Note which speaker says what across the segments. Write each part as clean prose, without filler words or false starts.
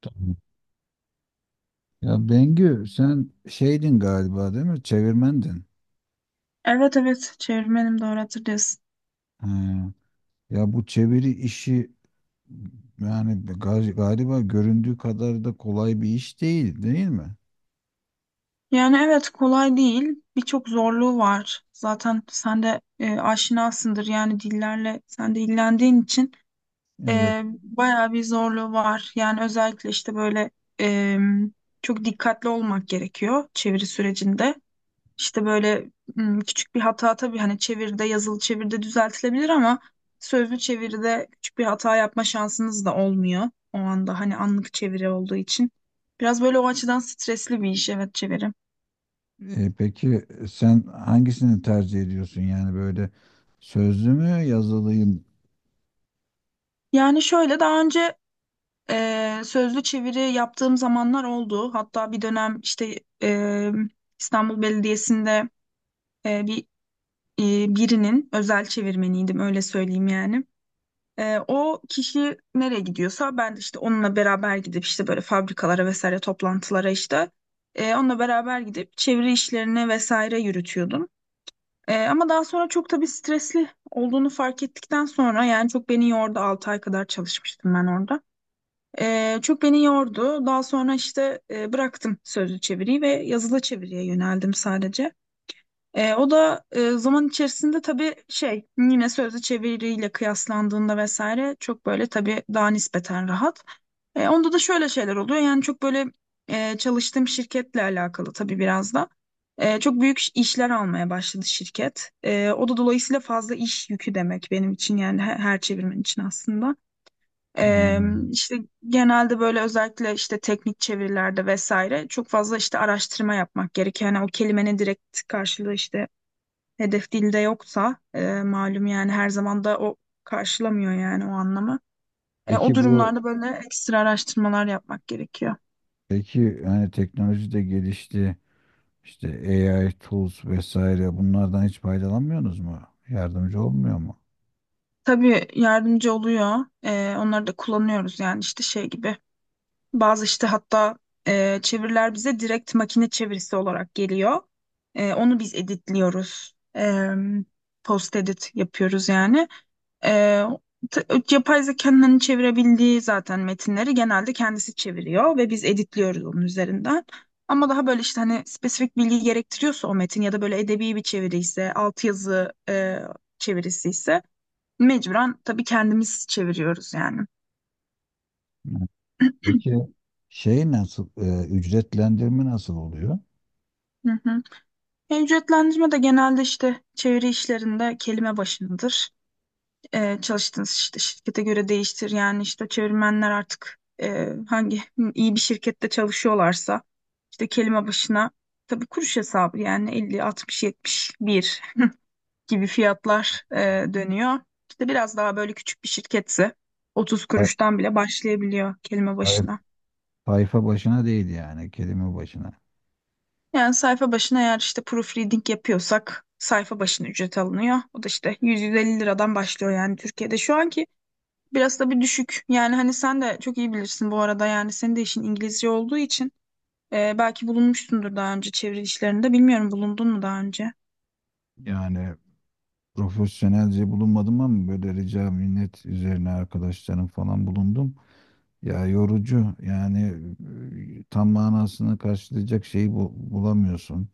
Speaker 1: Tamam. Ya Bengü sen şeydin galiba, değil mi? Çevirmendin.
Speaker 2: Evet, evet, çevirmenim, doğru hatırlıyorsun.
Speaker 1: He. Ya bu çeviri işi yani galiba göründüğü kadar da kolay bir iş değil, değil mi?
Speaker 2: Yani evet, kolay değil. Birçok zorluğu var. Zaten sen de aşinasındır yani dillerle sen de ilgilendiğin için
Speaker 1: Evet.
Speaker 2: bayağı bir zorluğu var. Yani özellikle işte böyle e, çok dikkatli olmak gerekiyor çeviri sürecinde. İşte böyle küçük bir hata tabii hani çeviride, yazılı çeviride düzeltilebilir ama sözlü çeviride küçük bir hata yapma şansınız da olmuyor. O anda hani anlık çeviri olduğu için. Biraz böyle o açıdan stresli bir iş, evet, çeviri.
Speaker 1: Peki sen hangisini tercih ediyorsun? Yani böyle sözlü mü yazılıyım?
Speaker 2: Yani şöyle, daha önce sözlü çeviri yaptığım zamanlar oldu. Hatta bir dönem işte e, İstanbul Belediyesi'nde e, bir birinin özel çevirmeniydim, öyle söyleyeyim yani. O kişi nereye gidiyorsa ben de işte onunla beraber gidip işte böyle fabrikalara vesaire, toplantılara işte onunla beraber gidip çeviri işlerini vesaire yürütüyordum. Ama daha sonra çok tabii stresli olduğunu fark ettikten sonra yani çok beni yordu. 6 ay kadar çalışmıştım ben orada. Çok beni yordu. Daha sonra işte bıraktım sözlü çeviriyi ve yazılı çeviriye yöneldim sadece. O da zaman içerisinde tabii şey, yine sözlü çeviriyle kıyaslandığında vesaire çok böyle tabii daha nispeten rahat. Onda da şöyle şeyler oluyor, yani çok böyle çalıştığım şirketle alakalı tabii biraz da. Çok büyük işler almaya başladı şirket. O da dolayısıyla fazla iş yükü demek benim için, yani her çevirmen için aslında. E,
Speaker 1: Hmm.
Speaker 2: işte genelde böyle özellikle işte teknik çevirilerde vesaire çok fazla işte araştırma yapmak gerekiyor. Yani o kelimenin direkt karşılığı işte hedef dilde yoksa malum, yani her zaman da o karşılamıyor yani o anlamı. O
Speaker 1: Peki bu
Speaker 2: durumlarda böyle ekstra araştırmalar yapmak gerekiyor.
Speaker 1: peki yani teknoloji de gelişti. İşte AI tools vesaire bunlardan hiç faydalanmıyorsunuz mu? Yardımcı olmuyor mu?
Speaker 2: Tabii yardımcı oluyor. Onları da kullanıyoruz yani işte şey gibi. Bazı işte, hatta çeviriler bize direkt makine çevirisi olarak geliyor. Onu biz editliyoruz. Post edit yapıyoruz yani. Ee, t- Yapay zekanın hani çevirebildiği zaten metinleri genelde kendisi çeviriyor ve biz editliyoruz onun üzerinden. Ama daha böyle işte hani spesifik bilgi gerektiriyorsa o metin ya da böyle edebi bir çeviri ise, altyazı çevirisi ise mecburen tabii kendimiz çeviriyoruz yani.
Speaker 1: Peki ücretlendirme nasıl oluyor?
Speaker 2: Hı hı. Ücretlendirme de genelde işte çeviri işlerinde kelime başınadır. Çalıştığınız işte şirkete göre değiştir. Yani işte çevirmenler artık hangi iyi bir şirkette çalışıyorlarsa işte kelime başına tabii kuruş hesabı, yani elli, altmış, yetmiş, bir gibi fiyatlar dönüyor. İşte biraz daha böyle küçük bir şirketse 30
Speaker 1: Say-
Speaker 2: kuruştan bile başlayabiliyor kelime
Speaker 1: say-
Speaker 2: başına.
Speaker 1: Sayfa başına değil, yani kelime başına.
Speaker 2: Yani sayfa başına, eğer işte proofreading yapıyorsak, sayfa başına ücret alınıyor. O da işte 100-150 liradan başlıyor yani Türkiye'de. Şu anki biraz da bir düşük. Yani hani sen de çok iyi bilirsin bu arada. Yani senin de işin İngilizce olduğu için belki bulunmuşsundur daha önce çeviri işlerinde. Bilmiyorum, bulundun mu daha önce?
Speaker 1: Yani profesyonelce bulunmadım ama böyle rica minnet üzerine arkadaşlarım falan bulundum. Ya yorucu yani, tam manasını karşılayacak şeyi bulamıyorsun.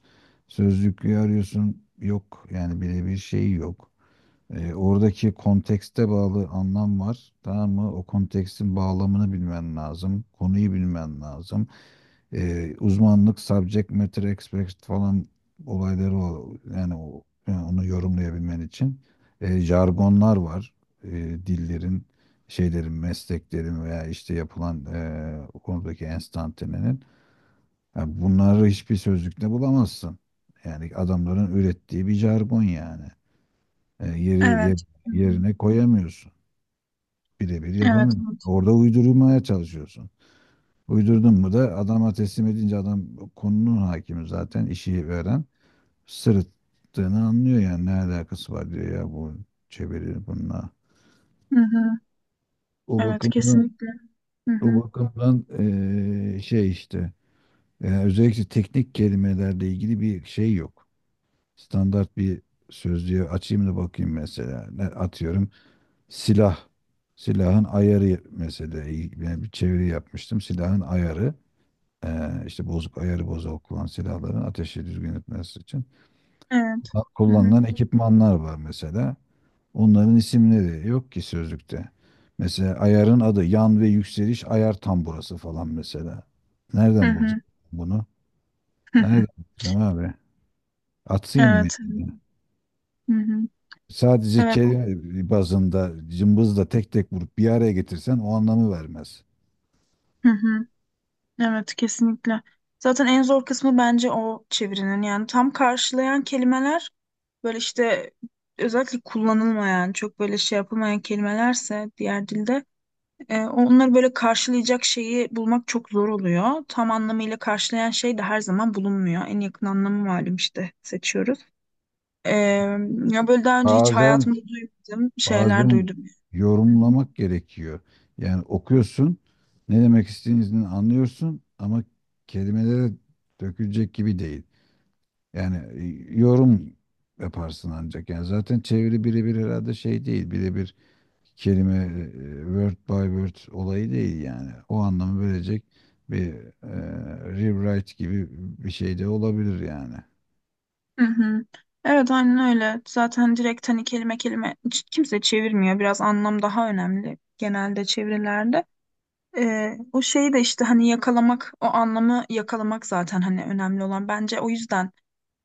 Speaker 1: Sözlüğü arıyorsun, yok yani birebir şey yok. Oradaki kontekste bağlı anlam var. Tamam mı? O kontekstin bağlamını bilmen lazım. Konuyu bilmen lazım. Uzmanlık, subject matter expert falan olayları, yani, o, yani onu yorumlayabilmen için. Jargonlar var. E, dillerin, şeylerin, mesleklerin veya işte yapılan, o konudaki enstantanenin. Yani bunları hiçbir sözlükte bulamazsın. Yani adamların ürettiği bir jargon yani. E, yeri ye-
Speaker 2: Evet. Hı hı.
Speaker 1: yerine koyamıyorsun. Birebir
Speaker 2: Evet,
Speaker 1: yapamıyorsun.
Speaker 2: evet.
Speaker 1: Orada uydurmaya çalışıyorsun. Uydurdun mu da adama teslim edince, adam konunun hakimi zaten, işi veren sırıttığını anlıyor. Yani ne alakası var diyor, ya bu çeviri bununla.
Speaker 2: Hı hı.
Speaker 1: O
Speaker 2: Evet,
Speaker 1: bakımdan,
Speaker 2: kesinlikle. Hı hı.
Speaker 1: şey işte yani özellikle teknik kelimelerle ilgili bir şey yok. Standart bir sözlüğe açayım da bakayım mesela. Ne atıyorum? Silah. Silahın ayarı mesela, ben bir çeviri yapmıştım. Silahın ayarı, işte bozuk, ayarı bozuk olan silahların ateşi düzgün etmesi için
Speaker 2: Evet. Hı hı.
Speaker 1: kullanılan ekipmanlar var mesela. Onların isimleri yok ki sözlükte. Mesela ayarın adı yan ve yükseliş ayar tamburası falan mesela.
Speaker 2: Hı
Speaker 1: Nereden
Speaker 2: hı.
Speaker 1: bulacağım bunu? Nereden bulacağım abi? Atayım mı?
Speaker 2: Evet. Hı hı.
Speaker 1: Sadece
Speaker 2: Evet.
Speaker 1: kelime bazında cımbızla tek tek vurup bir araya getirsen o anlamı vermez.
Speaker 2: Hı hı. Evet, kesinlikle. Zaten en zor kısmı bence o çevirinin, yani tam karşılayan kelimeler böyle işte özellikle kullanılmayan, çok böyle şey yapılmayan kelimelerse diğer dilde onları böyle karşılayacak şeyi bulmak çok zor oluyor. Tam anlamıyla karşılayan şey de her zaman bulunmuyor. En yakın anlamı malum işte seçiyoruz. E, Ya böyle daha önce hiç
Speaker 1: Bazen
Speaker 2: hayatımda duymadığım şeyler
Speaker 1: bazen
Speaker 2: duydum. Hı hı.
Speaker 1: yorumlamak gerekiyor. Yani okuyorsun, ne demek istediğini anlıyorsun ama kelimelere dökülecek gibi değil. Yani, yorum yaparsın ancak. Yani zaten çeviri birebir herhalde şey değil. Birebir kelime, e, word by word olayı değil yani. O anlamı verecek bir, e, rewrite gibi bir şey de olabilir yani.
Speaker 2: Hı hı. Evet, aynen öyle. Zaten direkt hani kelime kelime hiç kimse çevirmiyor. Biraz anlam daha önemli genelde çevirilerde. O şeyi de işte hani yakalamak, o anlamı yakalamak zaten hani önemli olan. Bence o yüzden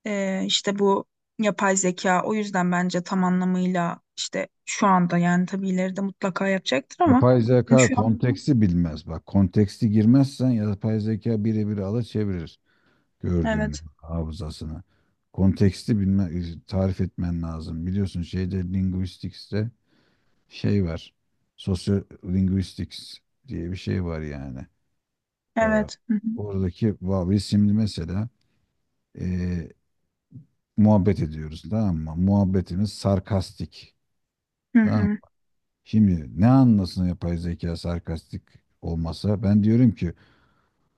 Speaker 2: işte bu yapay zeka o yüzden bence tam anlamıyla işte şu anda yani tabii ileride mutlaka yapacaktır ama
Speaker 1: Yapay
Speaker 2: hani
Speaker 1: zeka
Speaker 2: şu an
Speaker 1: konteksti bilmez bak. Konteksti girmezsen yapay zeka birebir alır, çevirir gördüğünü
Speaker 2: evet,
Speaker 1: hafızasına. Konteksti bilme, tarif etmen lazım. Biliyorsun şeyde linguistics'te şey var. Sociolinguistics diye bir şey var yani. Ee,
Speaker 2: evet. Hı
Speaker 1: oradaki biz şimdi mesela, e, muhabbet ediyoruz, tamam mı? Muhabbetimiz sarkastik.
Speaker 2: hı.
Speaker 1: Tamam mı?
Speaker 2: Hı
Speaker 1: Şimdi ne anlasın yapay zeka sarkastik olmasa? Ben diyorum ki,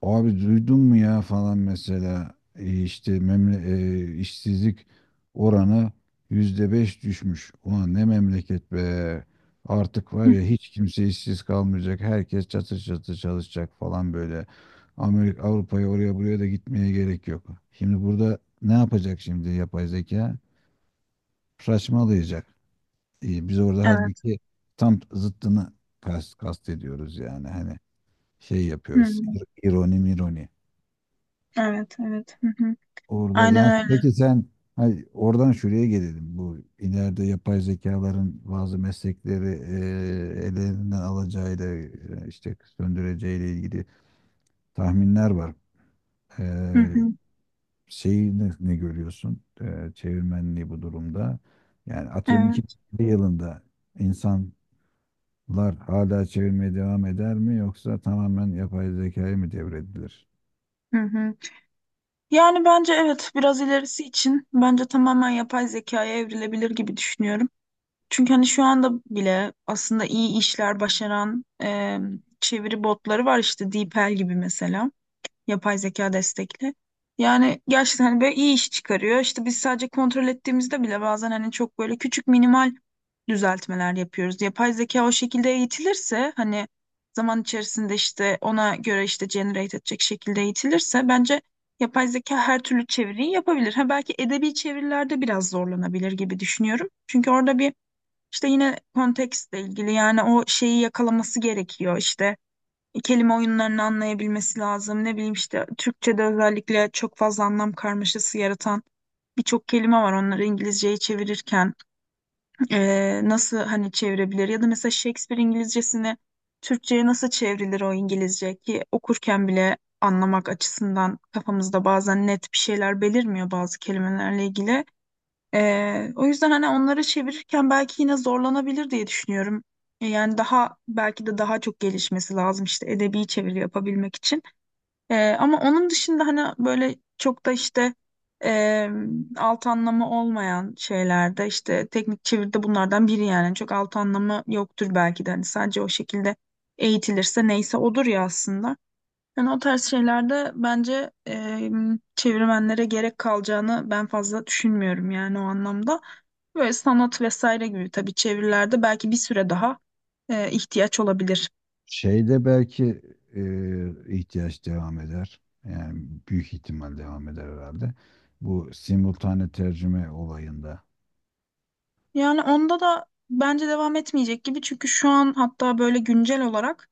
Speaker 1: abi duydun mu ya falan, mesela, işte işsizlik oranı %5 düşmüş. Ulan ne memleket be. Artık var
Speaker 2: hı.
Speaker 1: ya, hiç kimse işsiz kalmayacak. Herkes çatır çatır çalışacak falan böyle. Amerika, Avrupa'ya, oraya buraya da gitmeye gerek yok. Şimdi burada ne yapacak şimdi yapay zeka? Saçmalayacak. Biz orada
Speaker 2: Evet.
Speaker 1: halbuki tam zıttını kast ediyoruz yani, hani şey
Speaker 2: Hı
Speaker 1: yapıyoruz.
Speaker 2: hı.
Speaker 1: İroni mironi.
Speaker 2: Evet, evet. Hı hı.
Speaker 1: Orada
Speaker 2: Aynen
Speaker 1: yani,
Speaker 2: öyle.
Speaker 1: peki sen, hani oradan şuraya gelelim. Bu ileride yapay zekaların bazı meslekleri, ellerinden alacağıyla, işte söndüreceğiyle ilgili tahminler var.
Speaker 2: Hı
Speaker 1: E,
Speaker 2: hı.
Speaker 1: şeyi ne görüyorsun? Çevirmenliği bu durumda. Yani atıyorum iki
Speaker 2: Evet.
Speaker 1: bir yılında insanlar hala çevirmeye devam eder mi, yoksa tamamen yapay zekaya mı devredilir?
Speaker 2: Hı hı. Yani bence evet, biraz ilerisi için bence tamamen yapay zekaya evrilebilir gibi düşünüyorum. Çünkü hani şu anda bile aslında iyi işler başaran çeviri botları var işte DeepL gibi mesela, yapay zeka destekli. Yani gerçekten hani böyle iyi iş çıkarıyor. İşte biz sadece kontrol ettiğimizde bile bazen hani çok böyle küçük, minimal düzeltmeler yapıyoruz. Yapay zeka o şekilde eğitilirse hani zaman içerisinde işte ona göre işte generate edecek şekilde eğitilirse bence yapay zeka her türlü çeviriyi yapabilir. Ha, belki edebi çevirilerde biraz zorlanabilir gibi düşünüyorum. Çünkü orada bir işte yine kontekstle ilgili, yani o şeyi yakalaması gerekiyor. İşte kelime oyunlarını anlayabilmesi lazım. Ne bileyim işte Türkçe'de özellikle çok fazla anlam karmaşası yaratan birçok kelime var. Onları İngilizceye çevirirken nasıl hani çevirebilir? Ya da mesela Shakespeare İngilizcesini Türkçe'ye nasıl çevrilir, o İngilizce ki okurken bile anlamak açısından kafamızda bazen net bir şeyler belirmiyor bazı kelimelerle ilgili. O yüzden hani onları çevirirken belki yine zorlanabilir diye düşünüyorum. Yani daha belki de daha çok gelişmesi lazım işte edebi çeviri yapabilmek için. Ama onun dışında hani böyle çok da işte e, alt anlamı olmayan şeylerde, işte teknik çeviride, bunlardan biri yani, çok alt anlamı yoktur belki de hani, sadece o şekilde eğitilirse neyse odur ya aslında. Yani o tarz şeylerde bence çevirmenlere gerek kalacağını ben fazla düşünmüyorum yani o anlamda. Böyle sanat vesaire gibi tabii çevirilerde belki bir süre daha ihtiyaç olabilir.
Speaker 1: Şeyde belki, e, ihtiyaç devam eder. Yani büyük ihtimal devam eder herhalde. Bu simultane tercüme olayında
Speaker 2: Yani onda da bence devam etmeyecek gibi, çünkü şu an hatta böyle güncel olarak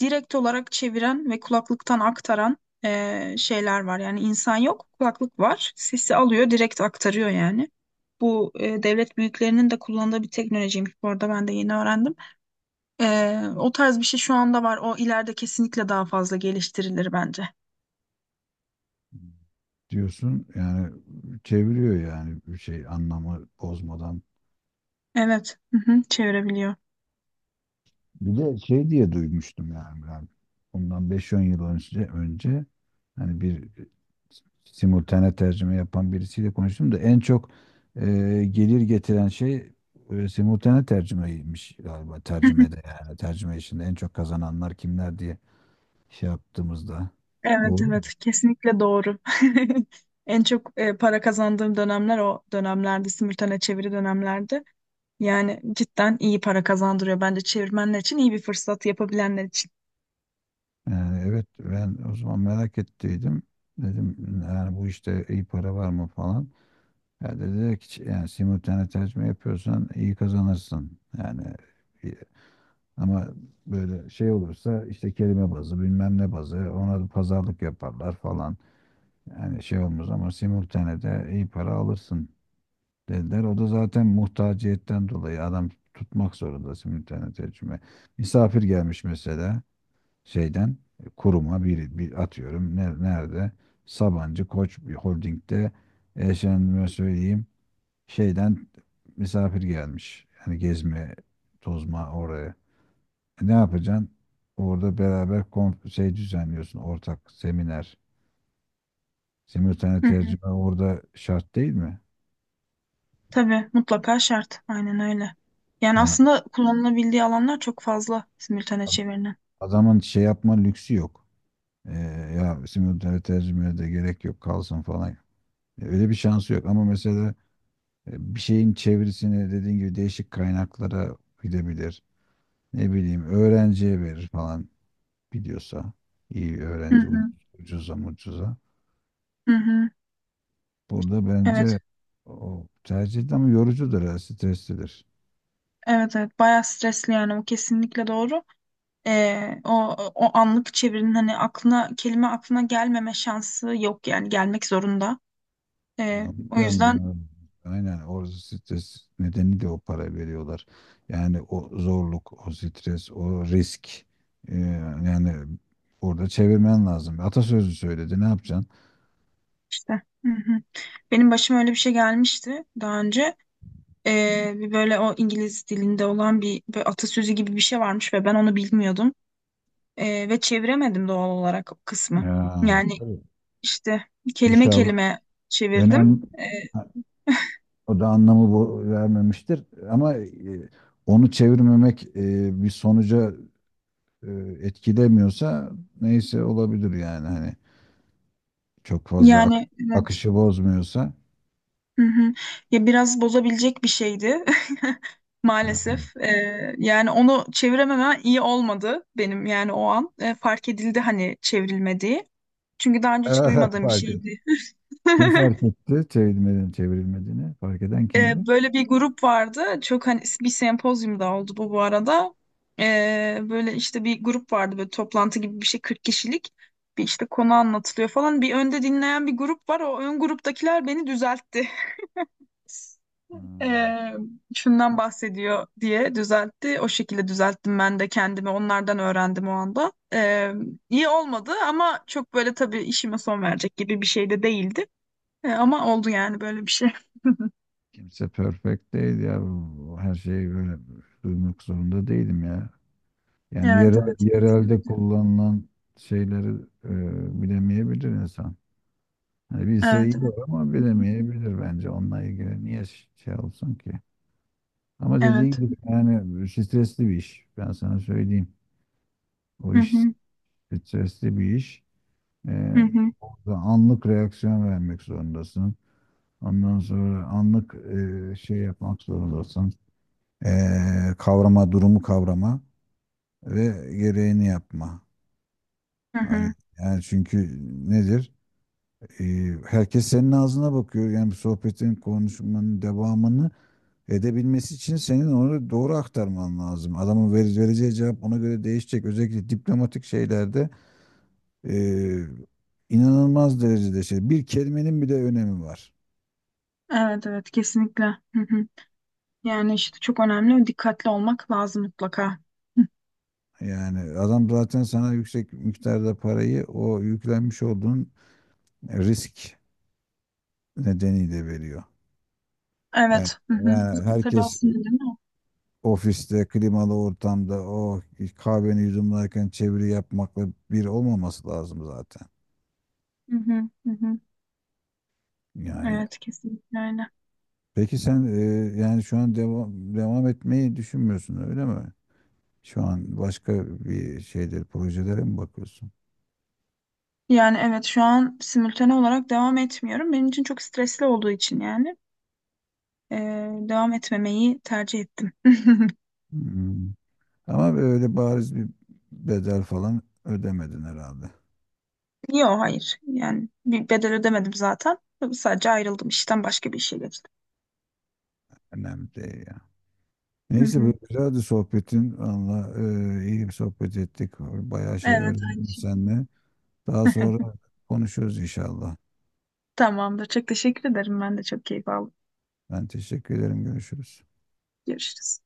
Speaker 2: direkt olarak çeviren ve kulaklıktan aktaran şeyler var. Yani insan yok, kulaklık var. Sesi alıyor, direkt aktarıyor yani. Bu devlet büyüklerinin de kullandığı bir teknolojiymiş, bu arada ben de yeni öğrendim. O tarz bir şey şu anda var. O ileride kesinlikle daha fazla geliştirilir bence.
Speaker 1: diyorsun yani, çeviriyor yani bir şey anlamı bozmadan.
Speaker 2: Evet, hı hı, çevirebiliyor.
Speaker 1: Bir de şey diye duymuştum, yani ben ondan beş 10 yıl önce, hani bir simultane tercüme yapan birisiyle konuştum da, en çok e, gelir getiren şey, simultane tercümeymiş galiba, tercümede yani tercüme işinde en çok kazananlar kimler diye şey yaptığımızda,
Speaker 2: Evet,
Speaker 1: doğru mu?
Speaker 2: evet, kesinlikle doğru. En çok para kazandığım dönemler o dönemlerdi, simültane çeviri dönemlerdi. Yani cidden iyi para kazandırıyor bence çevirmenler için, iyi bir fırsat yapabilenler için.
Speaker 1: Yani evet, ben o zaman merak ettiydim, dedim yani bu işte iyi para var mı falan. Ya dediler ki yani simultane tercüme yapıyorsan iyi kazanırsın. Yani, e, ama böyle şey olursa işte kelime bazı, bilmem ne bazı, ona da pazarlık yaparlar falan. Yani şey olmaz ama simultane de iyi para alırsın dediler. O da zaten muhtaciyetten dolayı adam tutmak zorunda simultane tercüme. Misafir gelmiş mesela şeyden, kuruma, bir atıyorum, nerede, Sabancı Koç bir holdingde efendime söyleyeyim, şeyden misafir gelmiş. Yani gezme, tozma oraya. Ne yapacaksın? Orada beraber şey düzenliyorsun, ortak seminer. Simultane
Speaker 2: Hı hı.
Speaker 1: tercüme orada şart değil mi?
Speaker 2: Tabii, mutlaka şart. Aynen öyle. Yani
Speaker 1: Yani
Speaker 2: aslında kullanılabildiği alanlar çok fazla simültane
Speaker 1: ad-
Speaker 2: çevirinin.
Speaker 1: adamın şey yapma lüksü yok. E, ya simultane tercümeye de gerek yok kalsın falan. Öyle bir şansı yok ama mesela, bir şeyin çevirisini dediğin gibi değişik kaynaklara gidebilir. Ne bileyim öğrenciye verir falan. Biliyorsa iyi
Speaker 2: Hı
Speaker 1: öğrenci,
Speaker 2: hı.
Speaker 1: ucuza mucuza.
Speaker 2: Hı hı.
Speaker 1: Burada bence
Speaker 2: Evet,
Speaker 1: o tercih de ama yorucudur ya, streslidir.
Speaker 2: evet, evet. Bayağı stresli yani, o kesinlikle doğru. O o anlık çevirinin hani aklına kelime, aklına gelmeme şansı yok, yani gelmek zorunda.
Speaker 1: Yani
Speaker 2: O
Speaker 1: hocam,
Speaker 2: yüzden
Speaker 1: aynen orada stres nedeni de o, para veriyorlar. Yani o zorluk, o stres, o risk. Ee, yani orada çevirmen lazım. Atasözü söyledi, ne yapacaksın?
Speaker 2: işte. Hı hı. Benim başıma öyle bir şey gelmişti daha önce. Bir böyle o İngiliz dilinde olan bir, böyle atasözü gibi bir şey varmış ve ben onu bilmiyordum. Ve çeviremedim doğal olarak o kısmı.
Speaker 1: Ya,
Speaker 2: Yani
Speaker 1: tabii.
Speaker 2: işte kelime
Speaker 1: İnşallah
Speaker 2: kelime çevirdim.
Speaker 1: önem
Speaker 2: Ee,
Speaker 1: ha, o da anlamı bu vermemiştir ama, onu çevirmemek, bir sonuca, e, etkilemiyorsa neyse olabilir yani, hani çok fazla
Speaker 2: Yani evet.
Speaker 1: akışı bozmuyorsa.
Speaker 2: Hı hı. Ya biraz bozabilecek bir şeydi maalesef. Yani onu çevirememe iyi olmadı benim yani o an. Fark edildi hani çevrilmediği. Çünkü daha önce hiç duymadığım bir
Speaker 1: Fark et.
Speaker 2: şeydi.
Speaker 1: Kim fark etti çevrilmediğini, çevrilmediğini? Fark eden kimdi?
Speaker 2: Böyle bir grup vardı. Çok hani bir sempozyumda oldu bu, bu arada. Böyle işte bir grup vardı, böyle toplantı gibi bir şey, 40 kişilik. Bir işte konu anlatılıyor falan. Bir önde dinleyen bir grup var. O ön gruptakiler beni düzeltti.
Speaker 1: Hmm.
Speaker 2: Ee, Şundan bahsediyor diye düzeltti. O şekilde düzelttim ben de kendimi. Onlardan öğrendim o anda. İyi olmadı ama çok böyle tabii işime son verecek gibi bir şey de değildi. Ama oldu yani böyle bir şey.
Speaker 1: Kimse perfect değil ya. Her şeyi böyle duymak zorunda değilim ya. Yani
Speaker 2: Evet, evet, kesin.
Speaker 1: yerelde kullanılan şeyleri, bilemeyebilir insan. Hani bilse
Speaker 2: Evet,
Speaker 1: iyi
Speaker 2: evet,
Speaker 1: olur ama bilemeyebilir bence. Onunla ilgili niye şey olsun ki? Ama dediğin
Speaker 2: evet.
Speaker 1: gibi yani stresli bir iş. Ben sana söyleyeyim. O
Speaker 2: Hı
Speaker 1: iş
Speaker 2: hı,
Speaker 1: stresli bir iş.
Speaker 2: hı
Speaker 1: Ee,
Speaker 2: hı,
Speaker 1: orada anlık reaksiyon vermek zorundasın. Ondan sonra anlık, şey yapmak zorundasın. Durumu kavrama ve gereğini yapma.
Speaker 2: hı
Speaker 1: Hani
Speaker 2: hı.
Speaker 1: yani çünkü nedir? Ee, herkes senin ağzına bakıyor. Yani bir sohbetin, konuşmanın devamını edebilmesi için senin onu doğru aktarman lazım. Adamın vereceği cevap ona göre değişecek. Özellikle diplomatik şeylerde, eee, inanılmaz derecede şey. Bir kelimenin bile önemi var.
Speaker 2: Evet, evet, kesinlikle. Hı hı. Yani işte çok önemli. Dikkatli olmak lazım mutlaka. Hı.
Speaker 1: Yani adam zaten sana yüksek miktarda parayı o yüklenmiş olduğun risk nedeniyle veriyor. Yani,
Speaker 2: Evet. Hı hı.
Speaker 1: yani
Speaker 2: Tabii,
Speaker 1: herkes
Speaker 2: aslında değil mi?
Speaker 1: ofiste, klimalı ortamda o kahveni yudumlarken çeviri yapmakla bir olmaması lazım zaten.
Speaker 2: Hı hı, hı hı.
Speaker 1: Yani,
Speaker 2: Evet, kesinlikle öyle.
Speaker 1: peki sen, yani şu an devam etmeyi düşünmüyorsun, öyle mi? Şu an başka bir şeyler, projelere mi bakıyorsun?
Speaker 2: Yani evet, şu an simultane olarak devam etmiyorum. Benim için çok stresli olduğu için, yani e, devam etmemeyi tercih ettim.
Speaker 1: Hmm. Ama böyle bariz bir bedel falan ödemedin herhalde.
Speaker 2: Yok, hayır. Yani bir bedel ödemedim zaten. Tabii, sadece ayrıldım işten, başka bir işe geçtim.
Speaker 1: Önemli değil ya.
Speaker 2: Hı
Speaker 1: Neyse
Speaker 2: hı.
Speaker 1: böyle güzeldi sohbetin. Valla, iyi bir sohbet ettik. Bayağı şey
Speaker 2: Evet, aynı
Speaker 1: öğrendim
Speaker 2: şey.
Speaker 1: seninle. Daha sonra konuşuruz inşallah.
Speaker 2: Tamamdır. Çok teşekkür ederim. Ben de çok keyif aldım.
Speaker 1: Ben teşekkür ederim. Görüşürüz.
Speaker 2: Görüşürüz.